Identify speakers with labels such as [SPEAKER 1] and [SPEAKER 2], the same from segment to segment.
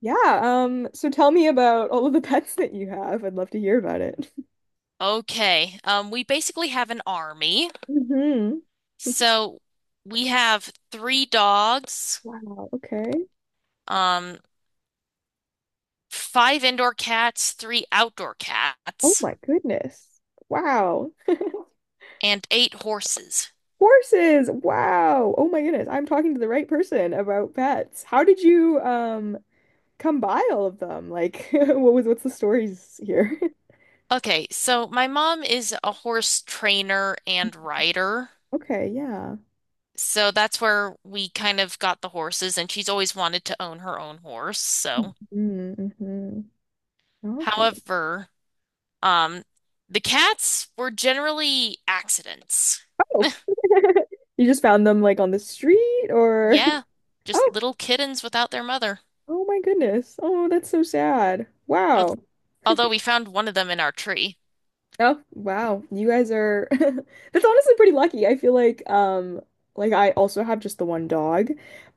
[SPEAKER 1] Yeah, so tell me about all of the pets that you have. I'd love to hear about it.
[SPEAKER 2] Okay. We basically have an army.
[SPEAKER 1] hmm
[SPEAKER 2] So we have three dogs,
[SPEAKER 1] Wow, okay.
[SPEAKER 2] um, five indoor cats, three outdoor
[SPEAKER 1] Oh
[SPEAKER 2] cats,
[SPEAKER 1] my goodness. Wow.
[SPEAKER 2] and eight horses.
[SPEAKER 1] Horses. Wow. Oh my goodness. I'm talking to the right person about pets. How did you come by all of them? Like what's the stories here?
[SPEAKER 2] Okay, so my mom is a horse trainer and rider.
[SPEAKER 1] Okay, yeah.
[SPEAKER 2] So that's where we kind of got the horses, and she's always wanted to own her own horse. So,
[SPEAKER 1] Mm-hmm. Mm-hmm. Okay.
[SPEAKER 2] however, um, the cats were generally accidents.
[SPEAKER 1] Oh. You just found them like on the street or
[SPEAKER 2] Yeah,
[SPEAKER 1] oh.
[SPEAKER 2] just little kittens without their mother.
[SPEAKER 1] Oh my goodness. Oh, that's so sad.
[SPEAKER 2] Al-
[SPEAKER 1] Wow.
[SPEAKER 2] Although we found one of them in our tree.
[SPEAKER 1] Oh, wow. You guys are that's honestly pretty lucky. I feel like I also have just the one dog,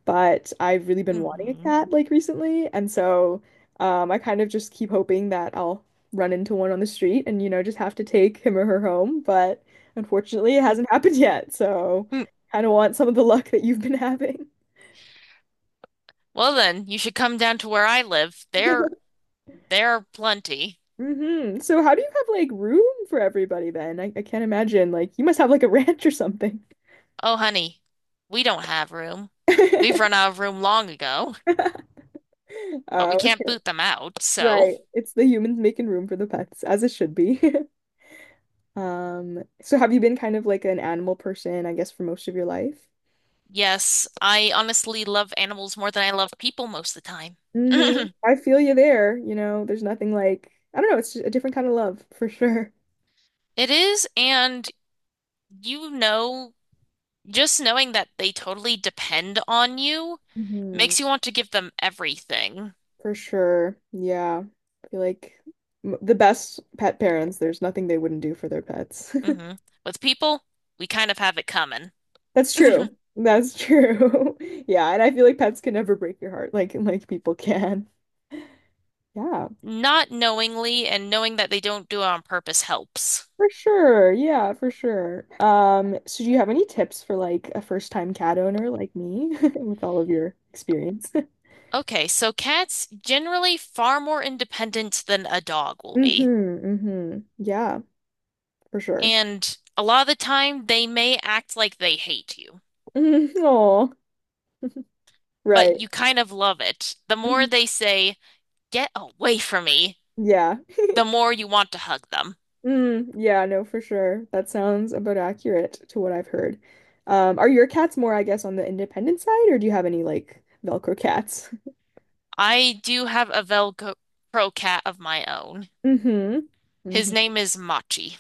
[SPEAKER 1] but I've really been wanting a
[SPEAKER 2] Hmm
[SPEAKER 1] cat like recently, and so I kind of just keep hoping that I'll run into one on the street and you know just have to take him or her home, but unfortunately it hasn't happened yet. So kind of want some of the luck that you've been having.
[SPEAKER 2] Well then, you should come down to where I live. There, there are plenty.
[SPEAKER 1] hmm So how do you have like room for everybody then? I can't imagine. Like you must have like a ranch or something.
[SPEAKER 2] Oh, honey, we don't have room. We've run out of room long ago, but we
[SPEAKER 1] Oh,
[SPEAKER 2] can't
[SPEAKER 1] okay.
[SPEAKER 2] boot them out, so.
[SPEAKER 1] Right. It's the humans making room for the pets, as it should be. So have you been kind of like an animal person, I guess, for most of your life?
[SPEAKER 2] Yes, I honestly love animals more than I love people most of the time.
[SPEAKER 1] Hmm I feel you there. You know, there's nothing like I don't know, it's just a different kind of love for sure.
[SPEAKER 2] It is, and you know, just knowing that they totally depend on you.
[SPEAKER 1] hmm
[SPEAKER 2] Makes you want to give them everything.
[SPEAKER 1] For sure. Yeah. I feel like the best pet parents, there's nothing they wouldn't do for their pets.
[SPEAKER 2] Hmm With people, we kind of have it coming.
[SPEAKER 1] That's true. That's true. Yeah, and I feel like pets can never break your heart like people can. Yeah,
[SPEAKER 2] Not knowingly and knowing that they don't do it on purpose helps.
[SPEAKER 1] for sure. Yeah, for sure. So do you have any tips for like a first-time cat owner like me with all of your experience?
[SPEAKER 2] Okay, so cats generally far more independent than a dog will be.
[SPEAKER 1] Mm-hmm. Mm-hmm. Yeah, for sure.
[SPEAKER 2] And a lot of the time, they may act like they hate you,
[SPEAKER 1] Oh,
[SPEAKER 2] but
[SPEAKER 1] right.
[SPEAKER 2] you kind of love it. The more
[SPEAKER 1] Mhm.
[SPEAKER 2] they say, get away from me,
[SPEAKER 1] Yeah.
[SPEAKER 2] the more you want to hug them.
[SPEAKER 1] Mm, yeah, no, for sure. That sounds about accurate to what I've heard. Are your cats more, I guess, on the independent side, or do you have any like Velcro cats?
[SPEAKER 2] I do have a Velcro cat of my own.
[SPEAKER 1] Mm-hmm.
[SPEAKER 2] His name is Machi.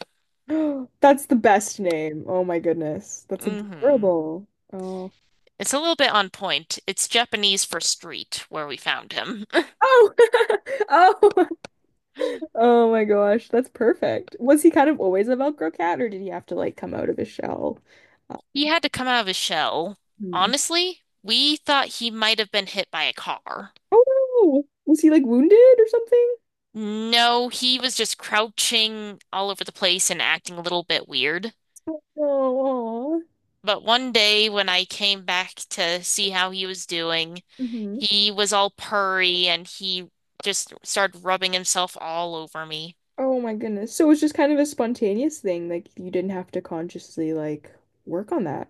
[SPEAKER 1] Mm-hmm. That's the best name. Oh my goodness. That's
[SPEAKER 2] Hmm
[SPEAKER 1] adorable. Oh.
[SPEAKER 2] It's a little bit on point. It's Japanese for street where we found him.
[SPEAKER 1] Oh. Oh. Oh my gosh. That's perfect. Was he kind of always a Velcro cat, or did he have to like come out of his shell? Uh,
[SPEAKER 2] He had to come out of his shell.
[SPEAKER 1] hmm.
[SPEAKER 2] Honestly, we thought he might have been hit by a car.
[SPEAKER 1] Oh no. Was he like wounded or something?
[SPEAKER 2] No, he was just crouching all over the place and acting a little bit weird.
[SPEAKER 1] Oh.
[SPEAKER 2] But one day when I came back to see how he was doing, he was all purry and he just started rubbing himself all over me.
[SPEAKER 1] Oh my goodness. So it was just kind of a spontaneous thing. Like you didn't have to consciously like work on that.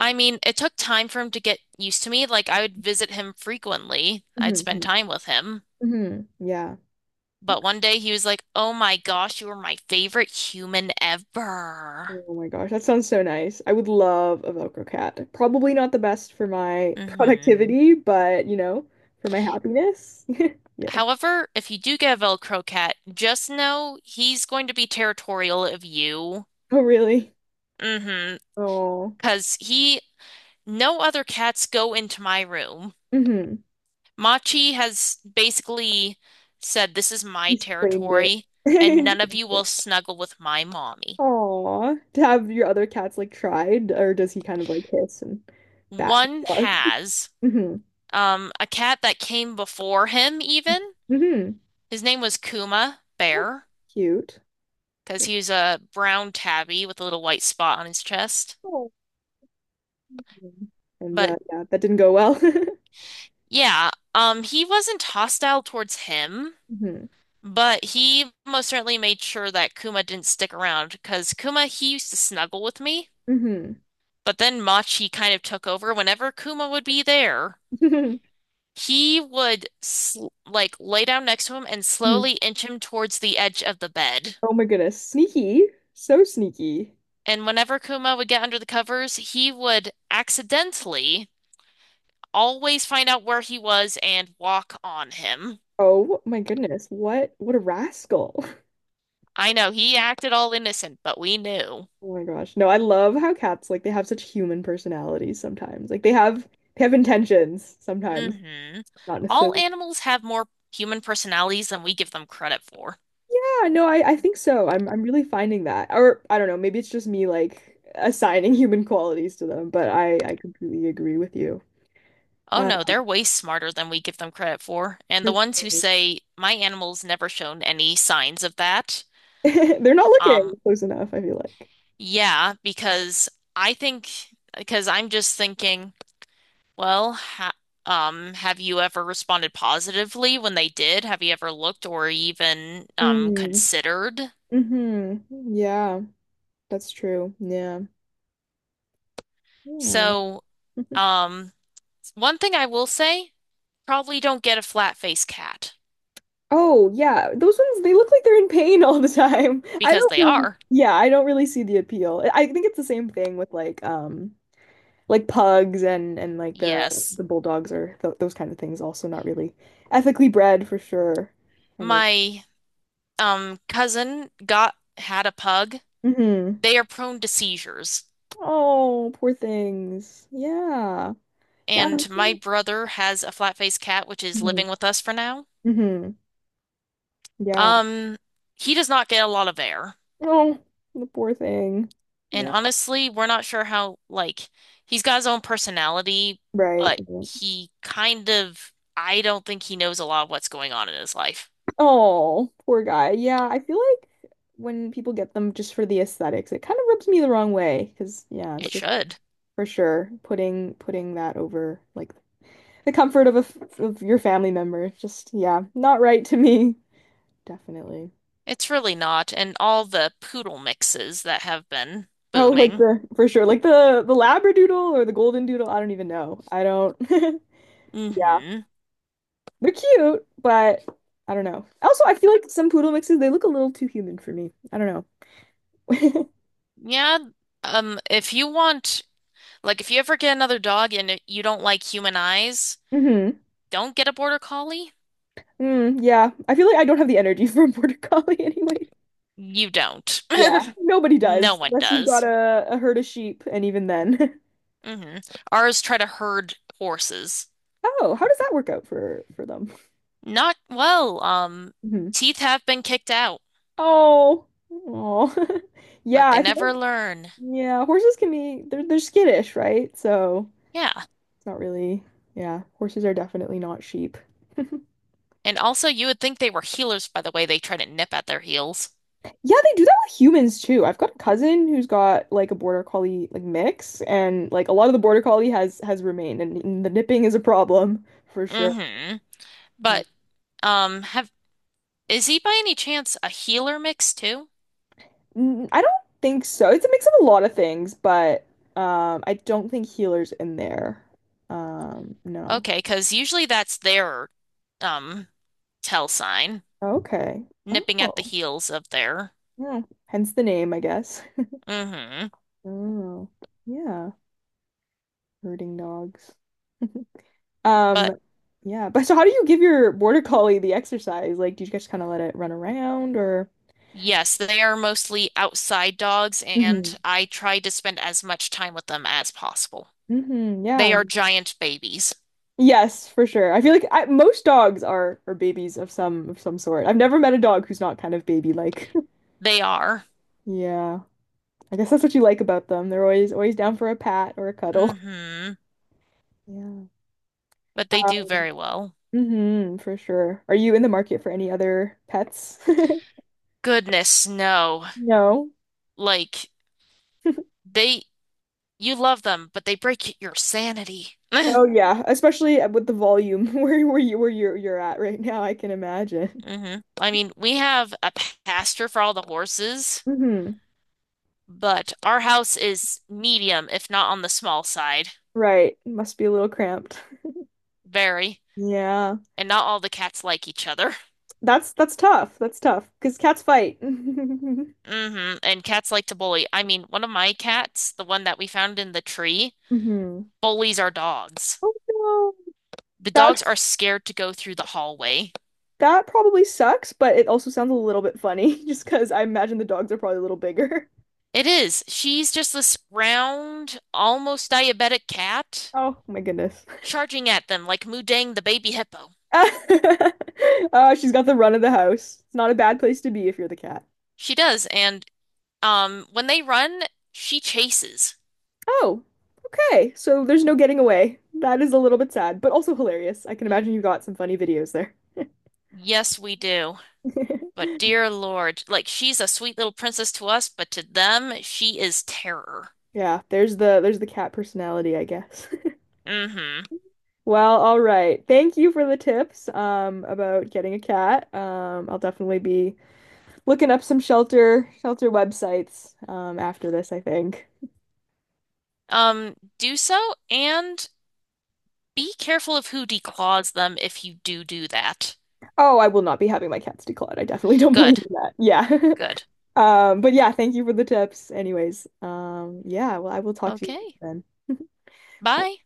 [SPEAKER 2] I mean, it took time for him to get used to me. Like, I would visit him frequently. I'd spend
[SPEAKER 1] Hmm
[SPEAKER 2] time with him.
[SPEAKER 1] hmm Yeah.
[SPEAKER 2] But
[SPEAKER 1] Okay.
[SPEAKER 2] one day he was like, "Oh my gosh, you are my favorite human ever."
[SPEAKER 1] Oh my gosh, that sounds so nice. I would love a Velcro cat. Probably not the best for my
[SPEAKER 2] hmm
[SPEAKER 1] productivity, but you know, for my happiness. Yeah.
[SPEAKER 2] However, if you do get a Velcro cat, just know he's going to be territorial of you.
[SPEAKER 1] Oh, really?
[SPEAKER 2] Mm-hmm.
[SPEAKER 1] Oh.
[SPEAKER 2] Because he, no other cats go into my room.
[SPEAKER 1] hmm
[SPEAKER 2] Machi has basically said, "This is my
[SPEAKER 1] He's claimed it.
[SPEAKER 2] territory,
[SPEAKER 1] He's
[SPEAKER 2] and
[SPEAKER 1] claimed
[SPEAKER 2] none of you will
[SPEAKER 1] it.
[SPEAKER 2] snuggle with my mommy."
[SPEAKER 1] Aw. To have your other cats like tried, or does he kind of like hiss and bat his
[SPEAKER 2] One
[SPEAKER 1] claws?
[SPEAKER 2] has
[SPEAKER 1] hmm
[SPEAKER 2] a cat that came before him, even.
[SPEAKER 1] hmm
[SPEAKER 2] His name was Kuma
[SPEAKER 1] Oh,
[SPEAKER 2] Bear
[SPEAKER 1] cute.
[SPEAKER 2] because he was a brown tabby with a little white spot on his chest.
[SPEAKER 1] Oh, mm. And
[SPEAKER 2] But
[SPEAKER 1] yeah, that didn't go well.
[SPEAKER 2] yeah, he wasn't hostile towards him,
[SPEAKER 1] hmm
[SPEAKER 2] but he most certainly made sure that Kuma didn't stick around because Kuma, he used to snuggle with me.
[SPEAKER 1] hmm
[SPEAKER 2] But then Machi kind of took over. Whenever Kuma would be there, he would sl like lay down next to him and slowly inch him towards the edge of the bed.
[SPEAKER 1] Oh my goodness. Sneaky. So sneaky.
[SPEAKER 2] And whenever Kuma would get under the covers, he would accidentally always find out where he was and walk on him.
[SPEAKER 1] Oh my goodness. What a rascal.
[SPEAKER 2] I know he acted all innocent, but we knew.
[SPEAKER 1] Oh my gosh. No, I love how cats like they have such human personalities sometimes. They have intentions sometimes.
[SPEAKER 2] Hmm
[SPEAKER 1] Not
[SPEAKER 2] All
[SPEAKER 1] necessarily.
[SPEAKER 2] animals have more human personalities than we give them credit for.
[SPEAKER 1] Yeah, no, I think so. I'm really finding that. Or I don't know, maybe it's just me like assigning human qualities to them, but I completely agree with you.
[SPEAKER 2] Oh
[SPEAKER 1] Um,
[SPEAKER 2] no, they're way smarter than we give them credit for. And the
[SPEAKER 1] For
[SPEAKER 2] ones who
[SPEAKER 1] sure.
[SPEAKER 2] say, my animal's never shown any signs of that.
[SPEAKER 1] They're not looking
[SPEAKER 2] Um,
[SPEAKER 1] close enough, I feel like.
[SPEAKER 2] yeah, because I think, because I'm just thinking. Well, ha Have you ever responded positively when they did? Have you ever looked or even
[SPEAKER 1] Mm.
[SPEAKER 2] considered?
[SPEAKER 1] Mm-hmm. Yeah, that's true. Yeah. Yeah.
[SPEAKER 2] So, um, One thing I will say, probably don't get a flat-faced cat
[SPEAKER 1] Oh, yeah. Those ones, they look like they're in pain all the time. I
[SPEAKER 2] because
[SPEAKER 1] don't
[SPEAKER 2] they
[SPEAKER 1] really,
[SPEAKER 2] are.
[SPEAKER 1] yeah, I don't really see the appeal. I think it's the same thing with like pugs and like the
[SPEAKER 2] Yes.
[SPEAKER 1] the bulldogs or th those kind of things also not really ethically bred for sure. Kind of.
[SPEAKER 2] My cousin got had a pug.
[SPEAKER 1] Mm-hmm.
[SPEAKER 2] They are prone to seizures.
[SPEAKER 1] Oh, poor things. Yeah. Yeah.
[SPEAKER 2] And my brother has a flat-faced cat, which is living with us for now.
[SPEAKER 1] Mm-hmm. Yeah.
[SPEAKER 2] Um, he does not get a lot of air.
[SPEAKER 1] Oh, the poor thing.
[SPEAKER 2] And
[SPEAKER 1] Yeah.
[SPEAKER 2] honestly, we're not sure how, like, he's got his own personality,
[SPEAKER 1] Right.
[SPEAKER 2] but
[SPEAKER 1] Mhm.
[SPEAKER 2] he kind of, I don't think he knows a lot of what's going on in his life.
[SPEAKER 1] Oh, poor guy. Yeah, I feel like when people get them just for the aesthetics, it kind of rubs me the wrong way because yeah,
[SPEAKER 2] It
[SPEAKER 1] it's just
[SPEAKER 2] should.
[SPEAKER 1] for sure putting that over like the comfort of a f of your family member. It's just yeah, not right to me. Definitely.
[SPEAKER 2] It's really not. And all the poodle mixes that have been
[SPEAKER 1] Oh, like
[SPEAKER 2] booming.
[SPEAKER 1] the for sure, like the Labradoodle or the Golden Doodle. I don't even know. I don't. Yeah.
[SPEAKER 2] Hmm
[SPEAKER 1] They're cute, but I don't know. Also, I feel like some poodle mixes, they look a little too human for me. I don't know.
[SPEAKER 2] Yeah. If you want, like, if you ever get another dog and you don't like human eyes,
[SPEAKER 1] hmm
[SPEAKER 2] don't get a border collie.
[SPEAKER 1] Mm, yeah. I feel like I don't have the energy for a border collie anyway.
[SPEAKER 2] You don't.
[SPEAKER 1] Yeah. Nobody
[SPEAKER 2] No
[SPEAKER 1] does,
[SPEAKER 2] one
[SPEAKER 1] unless you've got
[SPEAKER 2] does.
[SPEAKER 1] a herd of sheep, and even then.
[SPEAKER 2] Hmm Ours try to herd horses.
[SPEAKER 1] Oh, how does that work out for them?
[SPEAKER 2] Not well.
[SPEAKER 1] Hmm
[SPEAKER 2] Teeth have been kicked out,
[SPEAKER 1] Oh. Oh.
[SPEAKER 2] but
[SPEAKER 1] Yeah,
[SPEAKER 2] they
[SPEAKER 1] I feel
[SPEAKER 2] never
[SPEAKER 1] like
[SPEAKER 2] learn.
[SPEAKER 1] yeah, horses can be they're skittish, right? So
[SPEAKER 2] Yeah.
[SPEAKER 1] it's not really yeah, horses are definitely not sheep.
[SPEAKER 2] And also, you would think they were healers by the way they try to nip at their heels.
[SPEAKER 1] Yeah, they do that with humans too. I've got a cousin who's got like a border collie like mix, and like a lot of the border collie has remained, and, the nipping is a problem for sure.
[SPEAKER 2] Mm-hmm.
[SPEAKER 1] Yeah.
[SPEAKER 2] But have is he by any chance a healer mix too?
[SPEAKER 1] Mm, I don't think so. It's a mix of a lot of things, but I don't think healer's in there. No.
[SPEAKER 2] Okay, because usually that's their um tell sign,
[SPEAKER 1] Okay.
[SPEAKER 2] nipping at the
[SPEAKER 1] Oh,
[SPEAKER 2] heels of their.
[SPEAKER 1] yeah. Hence the name, I guess.
[SPEAKER 2] Mm-hmm.
[SPEAKER 1] Oh, yeah. Herding dogs. Um,
[SPEAKER 2] But
[SPEAKER 1] yeah, but so how do you give your border collie the exercise? Like, do you just kind of let it run around or?
[SPEAKER 2] yes, they are mostly outside dogs,
[SPEAKER 1] Hmm
[SPEAKER 2] and I try to spend as much time with them as possible.
[SPEAKER 1] hmm
[SPEAKER 2] They
[SPEAKER 1] yeah.
[SPEAKER 2] are giant babies.
[SPEAKER 1] Yes, for sure. I feel like most dogs are babies of some sort. I've never met a dog who's not kind of baby-like.
[SPEAKER 2] They are.
[SPEAKER 1] Yeah. I guess that's what you like about them. They're always always down for a pat or a cuddle.
[SPEAKER 2] Hmm
[SPEAKER 1] Yeah.
[SPEAKER 2] But they do very well.
[SPEAKER 1] hmm for sure. Are you in the market for any other pets?
[SPEAKER 2] Goodness, no.
[SPEAKER 1] No.
[SPEAKER 2] Like they you love them, but they break your sanity.
[SPEAKER 1] Oh yeah, especially with the volume where you're at right now, I can imagine.
[SPEAKER 2] Hmm I mean, we have a pasture for all the horses,
[SPEAKER 1] Hmm
[SPEAKER 2] but our house is medium, if not on the small side.
[SPEAKER 1] Right. Must be a little cramped.
[SPEAKER 2] Very.
[SPEAKER 1] Yeah.
[SPEAKER 2] And not all the cats like each other.
[SPEAKER 1] That's tough. That's tough. Because cats fight. hmm
[SPEAKER 2] hmm And cats like to bully. I mean, one of my cats, the one that we found in the tree,
[SPEAKER 1] Oh
[SPEAKER 2] bullies our dogs.
[SPEAKER 1] no.
[SPEAKER 2] The dogs are
[SPEAKER 1] That's
[SPEAKER 2] scared to go through the hallway.
[SPEAKER 1] that probably sucks, but it also sounds a little bit funny just because I imagine the dogs are probably a little bigger.
[SPEAKER 2] It is. She's just this round, almost diabetic cat
[SPEAKER 1] Oh my goodness.
[SPEAKER 2] charging at them like Mudang the baby hippo.
[SPEAKER 1] Oh, she's got the run of the house. It's not a bad place to be if you're the cat.
[SPEAKER 2] She does, and when they run, she chases.
[SPEAKER 1] Oh, okay. So there's no getting away. That is a little bit sad, but also hilarious. I can imagine you got some funny videos there.
[SPEAKER 2] Yes, we do. But dear Lord, like she's a sweet little princess to us, but to them, she is terror.
[SPEAKER 1] Yeah, there's the cat personality, I guess.
[SPEAKER 2] Mm-hmm.
[SPEAKER 1] Well, all right. Thank you for the tips about getting a cat. I'll definitely be looking up some shelter websites after this, I think.
[SPEAKER 2] Do so and be careful of who declaws them if you do do that.
[SPEAKER 1] Oh, I will not be having my cats declawed. I definitely don't believe
[SPEAKER 2] Good,
[SPEAKER 1] in that. Yeah.
[SPEAKER 2] good.
[SPEAKER 1] But yeah, thank you for the tips anyways. I will talk to you
[SPEAKER 2] Okay.
[SPEAKER 1] later then. Bye.
[SPEAKER 2] Bye.